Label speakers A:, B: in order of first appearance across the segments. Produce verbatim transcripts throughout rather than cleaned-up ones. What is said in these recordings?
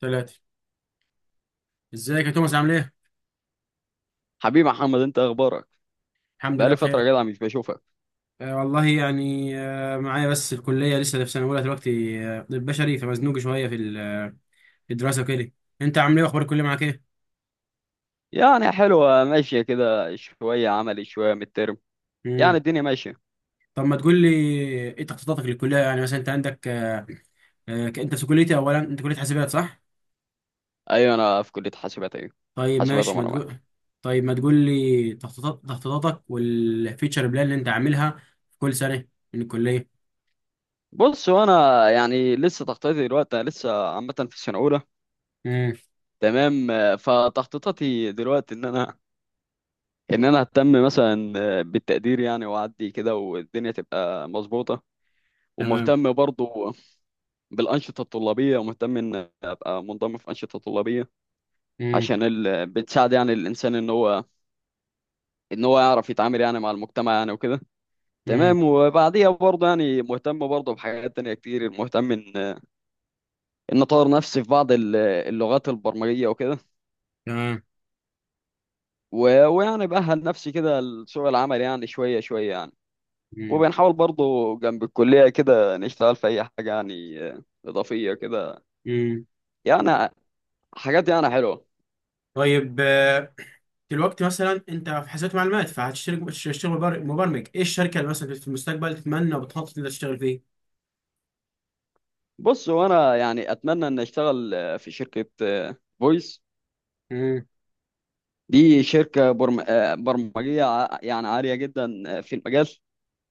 A: ثلاثة. ازيك يا توماس؟ عامل ايه؟
B: حبيبي محمد، انت اخبارك؟
A: الحمد لله
B: بقالي فتره
A: بخير.
B: جدع مش بشوفك.
A: آه والله، يعني آه معايا، بس الكلية لسه في سنة أولى دلوقتي. آه، طب بشري، فمزنوق شوية في ال- آه، في الدراسة وكده. أنت عامل ايه؟ وأخبار الكلية معاك ايه؟
B: يعني حلوه ماشيه كده، شويه عملي شويه من الترم، يعني
A: مم.
B: الدنيا ماشيه.
A: طب ما تقول لي، ايه تخطيطاتك للكلية؟ يعني مثلا أنت عندك آه آه أنت في كليتي، أولا أنت كلية حاسبات صح؟
B: ايوه انا في كليه حاسبات، ايوه
A: طيب
B: حاسبات
A: ماشي، ما
B: ومعلومات.
A: تقول. طيب ما تقول لي تخطيطات، تخطيطاتك والفيتشر بلان اللي أنت عاملها في كل سنة من الكلية.
B: بص وانا يعني لسه تخطيطي دلوقتي، انا لسه عامه في السنه الاولى.
A: مم.
B: تمام، آه، فتخطيطاتي دلوقتي ان انا ان انا اهتم مثلا آه، بالتقدير، يعني واعدي كده والدنيا تبقى مظبوطه،
A: تمام.
B: ومهتم برضو بالانشطه الطلابيه، ومهتم ان ابقى منضم في انشطه طلابيه
A: مم.
B: عشان ال... بتساعد يعني الانسان ان هو ان هو يعرف يتعامل يعني مع المجتمع، يعني وكده.
A: مم.
B: تمام، وبعديها برضه يعني مهتم برضه بحاجات تانية كتير، مهتم ان ان اطور نفسي في بعض ال- اللغات البرمجية وكده.
A: تمام.
B: و... ويعني بأهل نفسي كده لسوق العمل، يعني شوية شوية يعني.
A: مم.
B: وبنحاول برضه جنب الكلية كده نشتغل في اي حاجة يعني إضافية كده،
A: مم.
B: يعني حاجات يعني حلوة.
A: طيب، آه، دلوقتي مثلا انت في حاسبات معلومات، فهتشتغل، تشتغل مبر- مبرمج، ايه الشركه اللي مثلا في المستقبل تتمنى وبتخطط انك تشتغل فيه؟
B: بص وانا يعني اتمنى ان اشتغل في شركة فويس.
A: امم.
B: دي شركة برم... آه، برمجية ع- يعني عالية جدا آه، في المجال.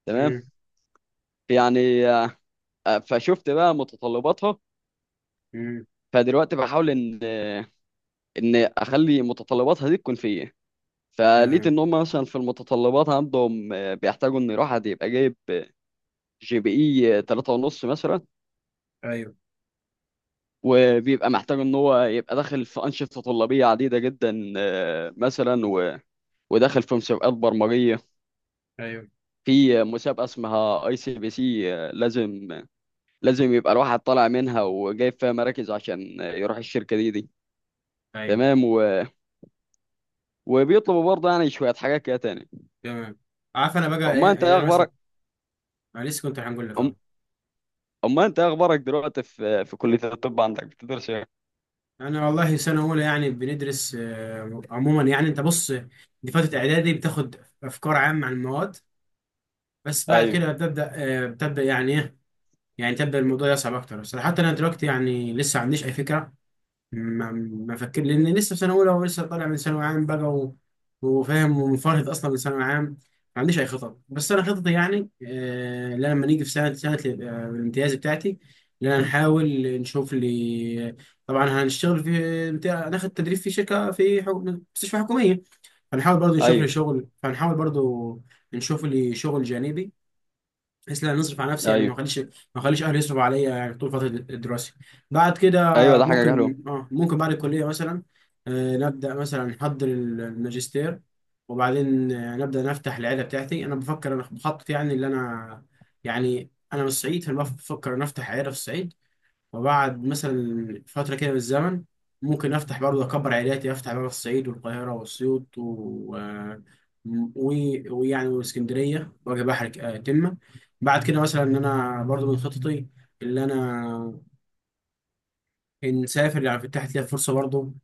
B: تمام.
A: امم.
B: يعني آه، آه، فشفت بقى متطلباتها،
A: امم.
B: فدلوقتي بحاول ان آه، ان اخلي متطلباتها دي تكون فيا. فلقيت
A: تمام.
B: ان هم مثلا في المتطلبات عندهم آه، بيحتاجوا ان واحد يبقى جايب جي بي اي ثلاثة ونص مثلا،
A: ايوه.
B: وبيبقى محتاج ان هو يبقى داخل في انشطه طلابيه عديده جدا آه، مثلا و... وداخل في مسابقات برمجيه.
A: ايوه.
B: في مسابقه اسمها اي سي بي سي، لازم لازم يبقى الواحد طالع منها وجايب فيها مراكز عشان يروح الشركة دي دي.
A: ايوه.
B: تمام، و... وبيطلبوا برضه يعني شوية حاجات كده تاني.
A: تمام. عارف انا بقى ايه؟
B: أما أنت
A: يعني
B: إيه
A: انا مثلا،
B: أخبارك؟
A: انا لسه كنت هنقول لك
B: أم...
A: اهو.
B: أما أنت إيه أخبارك دلوقتي؟ في في كلية الطب عندك بتدرس إيه؟
A: انا والله سنه اولى، يعني بندرس آه، عموما. يعني انت بص، دي فتره اعدادي، بتاخد افكار عامه عن المواد، بس بعد
B: أيوه.
A: كده بتبدا، آه، بتبدا يعني ايه، يعني تبدا الموضوع يصعب اكتر. بس حتى انا دلوقتي يعني لسه ما عنديش اي فكره، ما ما فكر، لان لسه في سنه اولى ولسه طالع من ثانوي عام بقى، و... وفاهم ومنفرد اصلا من ثانوي عام. ما عنديش اي خطط. بس انا خططي يعني آه لا، لما نيجي في سنه سنه ال- آه، الامتياز بتاعتي، ان انا نحاول نشوف لي. طبعا هنشتغل في بتاع، ناخد تدريب في شركه، في حكم... مستشفى حكوميه. هنحاول برضه نشوف لي
B: أيوه.
A: شغل، فهنحاول برضه نشوف لي شغل جانبي، بحيث لا نصرف على نفسي. يعني ما
B: أيوه.
A: اخليش، ما اخليش اهلي يصرفوا عليا يعني طول فتره الدراسه. بعد كده
B: أيوه، ده حاجة حلوة.
A: ممكن اه، ممكن بعد الكليه مثلا آه نبدا مثلا نحضر الماجستير، وبعدين آه نبدا نفتح العيله بتاعتي. انا بفكر، انا بخطط يعني، اللي انا يعني انا من الصعيد، فانا بفكر ان افتح عيله في الصعيد. وبعد مثلا فترة كده من الزمن ممكن أفتح برضه أكبر عائلاتي، أفتح بقى في الصعيد والقاهرة وأسيوط و... و- ويعني واسكندرية، وأجي بحر ك- آه، تمة. بعد كده مثلا، إن أنا برضه من خططي اللي أنا نسافر. يعني فتحت لي فرصة برضه،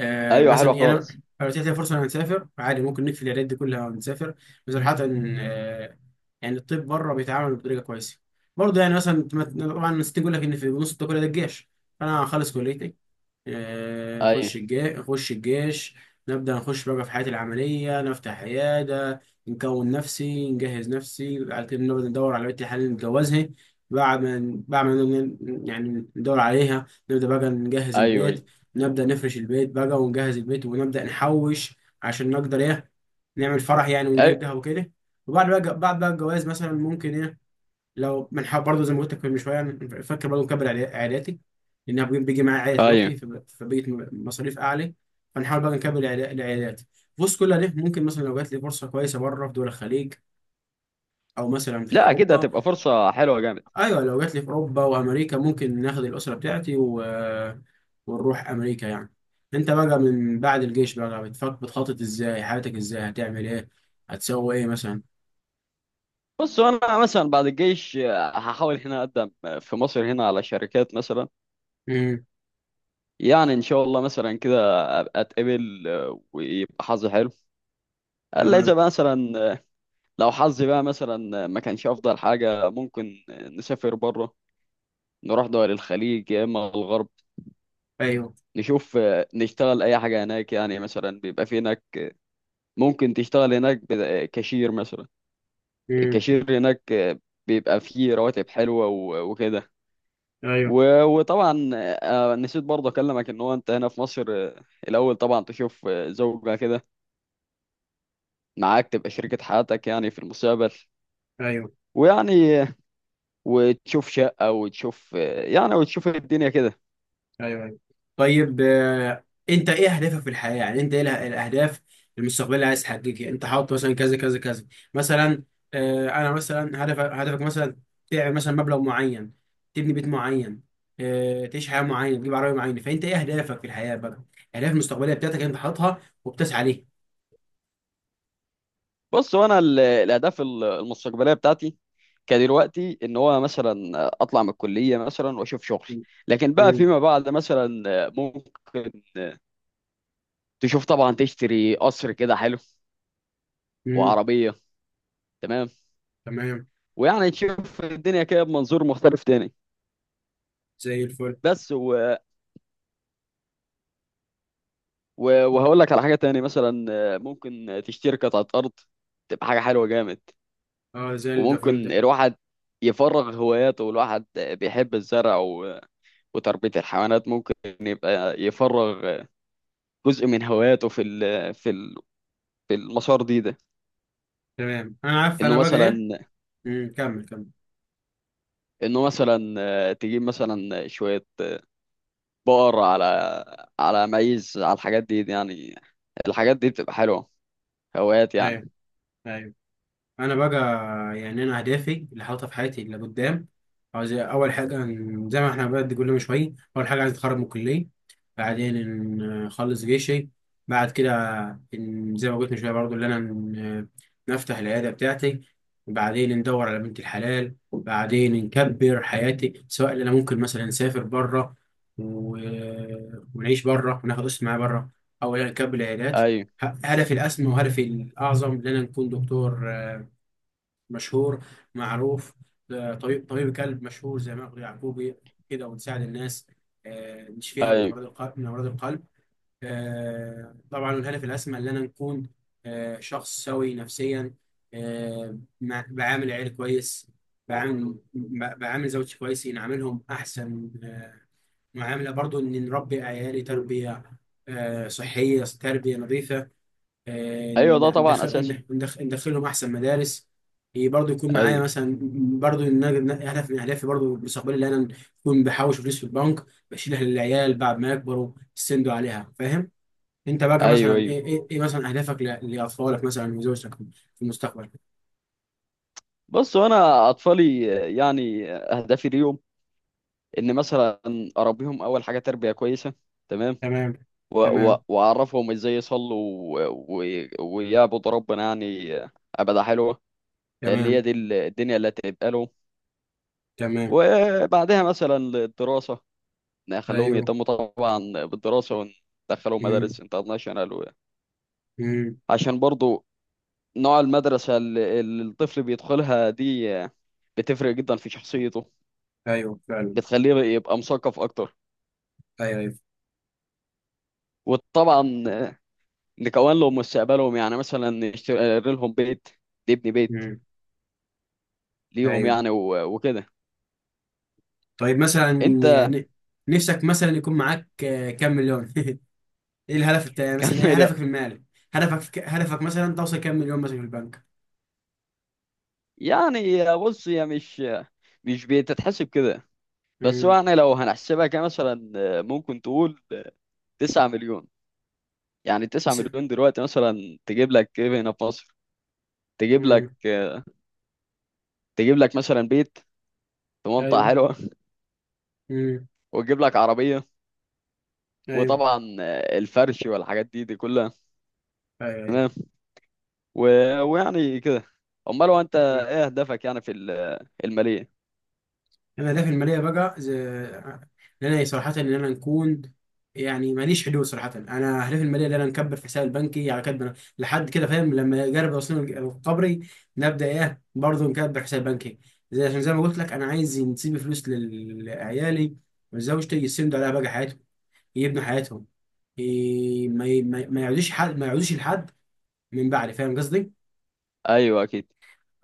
A: آه
B: أيوه، حلوة
A: مثلا، يعني أنا
B: خالص.
A: لو اتيحت لي فرصة إن أنا نسافر عادي، ممكن نقفل العيادات دي كلها ونسافر. بس حتى إن آه، يعني الطب بره بيتعامل بطريقة كويسة برضه. يعني مثلا طبعا الناس تقول لك إن في نص التكلفة ده الجيش. أنا هخلص كليتي، آه، خش
B: أيوه،
A: الجيش، خش الجيش نبدأ نخش بقى في حياتي العملية، نفتح عيادة، نكون نفسي، نجهز نفسي، بعد كده نبدأ ندور على بنت الحلال اللي نتجوزها. بعد ما بعد ما ن- يعني ندور عليها، نبدأ بقى نجهز
B: أيوه.
A: البيت،
B: أيوه.
A: نبدأ نفرش البيت بقى ونجهز البيت، ونبدأ نحوش عشان نقدر ايه، نعمل فرح يعني، ونجيب
B: أيوه.
A: ده وكده. وبعد بقى، بعد بقى الجواز مثلا ممكن ايه، لو منح برضه زي ما قلت لك من شويه. أنا فاكر برضه مكبر عائلاتي، عائلاتي، لانها بي- بيجي معايا عائله دلوقتي،
B: أيوه.
A: فب- فبقيت م- مصاريف اعلى. فنحاول بقى نكبر عائلا- لعائلاتي. بص كلها ليه، ممكن مثلا لو جات لي فرصه كويسه بره في دول الخليج او مثلا في
B: لا، أكيد
A: اوروبا.
B: هتبقى فرصة حلوة جامد.
A: ايوه، لو جات لي في اوروبا وامريكا ممكن ناخد الاسره بتاعتي و... ونروح امريكا يعني. انت بقى من بعد الجيش بقى بتفكر، بتخطط ازاي حياتك، ازاي هتعمل ايه، هتسوي ايه مثلا؟
B: بص، أنا مثلا بعد الجيش هحاول هنا أقدم في مصر هنا على شركات مثلا.
A: امم.
B: يعني ان شاء الله مثلا كده ابقى اتقبل آه، ويبقى حظي حلو. الا
A: تمام.
B: اذا بقى مثلا آه، لو حظي بقى مثلا آه، ما كانش افضل حاجه، ممكن آه، نسافر بره، نروح دول الخليج يا اما الغرب.
A: ايوه.
B: نشوف آه، نشتغل اي حاجه هناك، يعني مثلا بيبقى في هناك ممكن تشتغل هناك ب- آه، كاشير مثلا.
A: امم.
B: الكاشير هناك آه، بيبقى فيه رواتب حلوه و- وكده.
A: ايوه.
B: و- وطبعا آه، آه، نسيت برضه اكلمك ان هو انت هنا في مصر آه، الاول طبعا تشوف آه، زوجة كده معاك تبقى شريكة حياتك يعني في المستقبل،
A: ايوه.
B: ويعني وتشوف شقة وتشوف يعني وتشوف الدنيا كده.
A: ايوه. ايوه. طيب آه، انت ايه اهدافك في الحياه؟ يعني انت ايه اله- الاهداف المستقبليه اللي عايز تحققها؟ انت حاطط مثلا كذا كذا كذا مثلا، آه، انا مثلا هدف، هدفك مثلا تعمل مثلا مبلغ معين، تبني بيت معين، آه، تعيش حياه معينه، تجيب عربيه معينه. فانت ايه اهدافك في الحياه بقى؟ الاهداف المستقبليه بتاعتك انت حاططها وبتسعى ليها.
B: بص، هو انا ال- الاهداف ال- المستقبلية بتاعتي كدلوقتي ان هو مثلا اطلع من الكلية مثلا واشوف شغل.
A: مم.
B: لكن بقى
A: مم.
B: فيما بعد مثلا ممكن تشوف طبعا تشتري قصر كده حلو
A: مم.
B: وعربية. تمام.
A: تمام.
B: ويعني تشوف الدنيا كده بمنظور مختلف تاني.
A: زي الفل.
B: بس و- وهقول لك على حاجة تاني مثلا، آه، ممكن تشتري قطعة أرض، تبقى حاجة حلوة جامد.
A: اه زي الفل
B: وممكن
A: ده.
B: الواحد يفرغ هواياته، والواحد بيحب الزرع و- وتربية الحيوانات، ممكن يبقى يفرغ جزء من هواياته في ال في ال في المسار دي ده.
A: تمام، انا عارف انا
B: انه
A: بقى ايه.
B: مثلا
A: مم. كمل كمل.
B: انه مثلا آه، تجيب مثلا شوية بقر، على على ميز، على الحاجات دي, دي يعني، الحاجات دي بتبقى حلوة، هوايات يعني.
A: ايوه. ايوه. انا بقى يعني، انا اهدافي اللي حاططها في حياتي اللي قدام، عاوز اول حاجه ن- زي ما احنا بقى كل من شويه، اول حاجه عايز اتخرج من الكليه، بعدين ن- نخلص جيشي، بعد كده ن- زي ما قلت من شويه برضو اللي انا ن- نفتح العياده بتاعتي، وبعدين ندور على بنت الحلال، بعدين نكبر حياتي، سواء اللي انا ممكن مثلا نسافر بره و... ونعيش بره وناخد اسم معايا بره، او إن أنا نكبر العيادات.
B: ايوه.
A: ه- هدفي الاسمى وهدفي الاعظم ان انا نكون دكتور مشهور معروف، آه، طبيب، طبيب قلب مشهور زي ماجد يعقوبي كده، ونساعد الناس، آه، نشفيها من
B: ايوه.
A: امراض القلب، من امراض القلب. آه، طبعا الهدف الاسمى ان انا نكون آه، شخص سوي نفسيا، آه، مع- بعامل عيال كويس، بعامل ب- بعامل زوجتي كويس، نعاملهم احسن آه، معامله. برضو ان نربي عيالي تربيه آه، صحيه، تربيه نظيفه، آه،
B: ايوه، ده طبعا
A: ندخل
B: اساسي.
A: ندخل- ندخلهم احسن مدارس. إيه، برضو يكون معايا
B: ايوه.
A: مثلا، برضو ان انا هدف من اهدافي برضو المستقبلي اللي انا اكون بحوش فلوس في البنك بشيلها للعيال بعد ما يكبروا، يستندوا عليها فاهم. انت بقى
B: ايوه.
A: مثلا
B: ايوه.
A: ايه ايه, إيه مثلا اهدافك ل- لاطفالك مثلا وزوجتك في المستقبل؟
B: بص، وانا اطفالي يعني اهدافي ليهم ان مثلا اربيهم اول حاجه تربيه كويسه. تمام،
A: تمام.
B: و-
A: تمام.
B: و- واعرفهم ازاي يصلوا و- و- ويعبدوا ربنا، يعني عباده حلوه، لان هي
A: تمام.
B: دي ال- الدنيا اللي هتبقى لهم.
A: تمام.
B: وبعدها مثلا للدراسه، نخليهم
A: ايوه.
B: يهتموا طبعا بالدراسه، وندخلهم
A: امم.
B: مدارس انترناشونال، و-
A: امم.
B: عشان برضو نوع المدرسه اللي اللي الطفل بيدخلها دي بتفرق جدا في شخصيته،
A: ايوه فعلا.
B: بتخليه يبقى مثقف اكتر.
A: ايوه. ايوه.
B: وطبعا نكون لهم مستقبلهم، يعني مثلا نشتري آه، لهم بيت، نبني بيت
A: امم.
B: ليهم
A: ايوه.
B: يعني، و- وكده.
A: طيب مثلا
B: انت
A: يعني نفسك مثلا يكون معاك آه، كام مليون ايه الهدف بتاعي مثلا، ايه
B: كمل يا-
A: هدفك المالي؟ هدفك في ك... هدفك مثلا توصل كام مليون مثلا في البنك؟
B: يعني. بص، هي مش مش بتتحسب كده. بس هو
A: امم.
B: يعني لو هنحسبها كمثلا ممكن تقول تسعة مليون. يعني تسعة
A: س-
B: مليون دلوقتي مثلا تجيب لك ايه هنا في مصر؟ تجيب لك،
A: امم.
B: تجيب لك مثلا بيت في منطقة
A: ايوه.
B: حلوة،
A: امم.
B: وتجيب لك عربية،
A: ايوه.
B: وطبعا آه، الفرش والحاجات دي دي كلها،
A: ايوه. ايوه.
B: و... ويعني كده. امال هو انت
A: مم.
B: ايه اهدافك يعني في ال- الماليه؟
A: انا الاهداف الماليه بقى زي... ان انا صراحه ان انا نكون، يعني ماليش حدود صراحه. انا اهدافي الماليه ان انا نكبر في حساب البنكي على كدنا لحد كده فاهم، لما يقرب يوصلني قبري نبدا ايه برضه نكبر حساب بنكي، زي عشان زي ما قلت لك انا عايز نسيب فلوس لل- لعيالي وزوجتي يسندوا عليها
B: أيوة.
A: بقى حياتهم، يبنوا حياتهم، ي- ما ي- ما ما يعودوش حد، ما يعودوش لحد من بعد، فاهم قصدي؟
B: ايوه اكيد.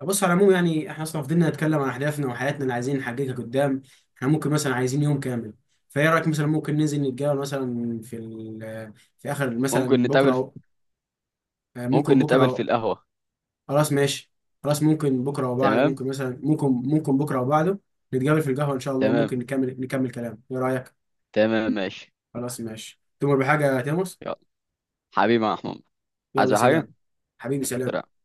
A: بص على العموم يعني احنا اصلا فضلنا نتكلم عن اهدافنا وحياتنا اللي عايزين نحققها قدام، احنا ممكن مثلا عايزين يوم كامل. فايه رايك مثلا ممكن ننزل نتقابل مثلا في ال- في اخر
B: ممكن
A: مثلا بكره
B: نتقابل في...
A: أو آه، ممكن
B: ممكن
A: بكره
B: نتقابل في
A: أو
B: القهوه.
A: خلاص ماشي. خلاص ممكن بكره وبعد،
B: تمام.
A: ممكن مثلا، ممكن ممكن بكره وبعده نتقابل في القهوه ان شاء الله،
B: تمام.
A: ممكن نكمل نكمل كلام، ايه رايك؟
B: تمام ماشي.
A: خلاص ماشي. تؤمر بحاجه يا تيموس؟
B: يلا حبيبي يا محمود. عايز
A: يلا
B: حاجه؟
A: سلام. حبيبي سلام.
B: سلام.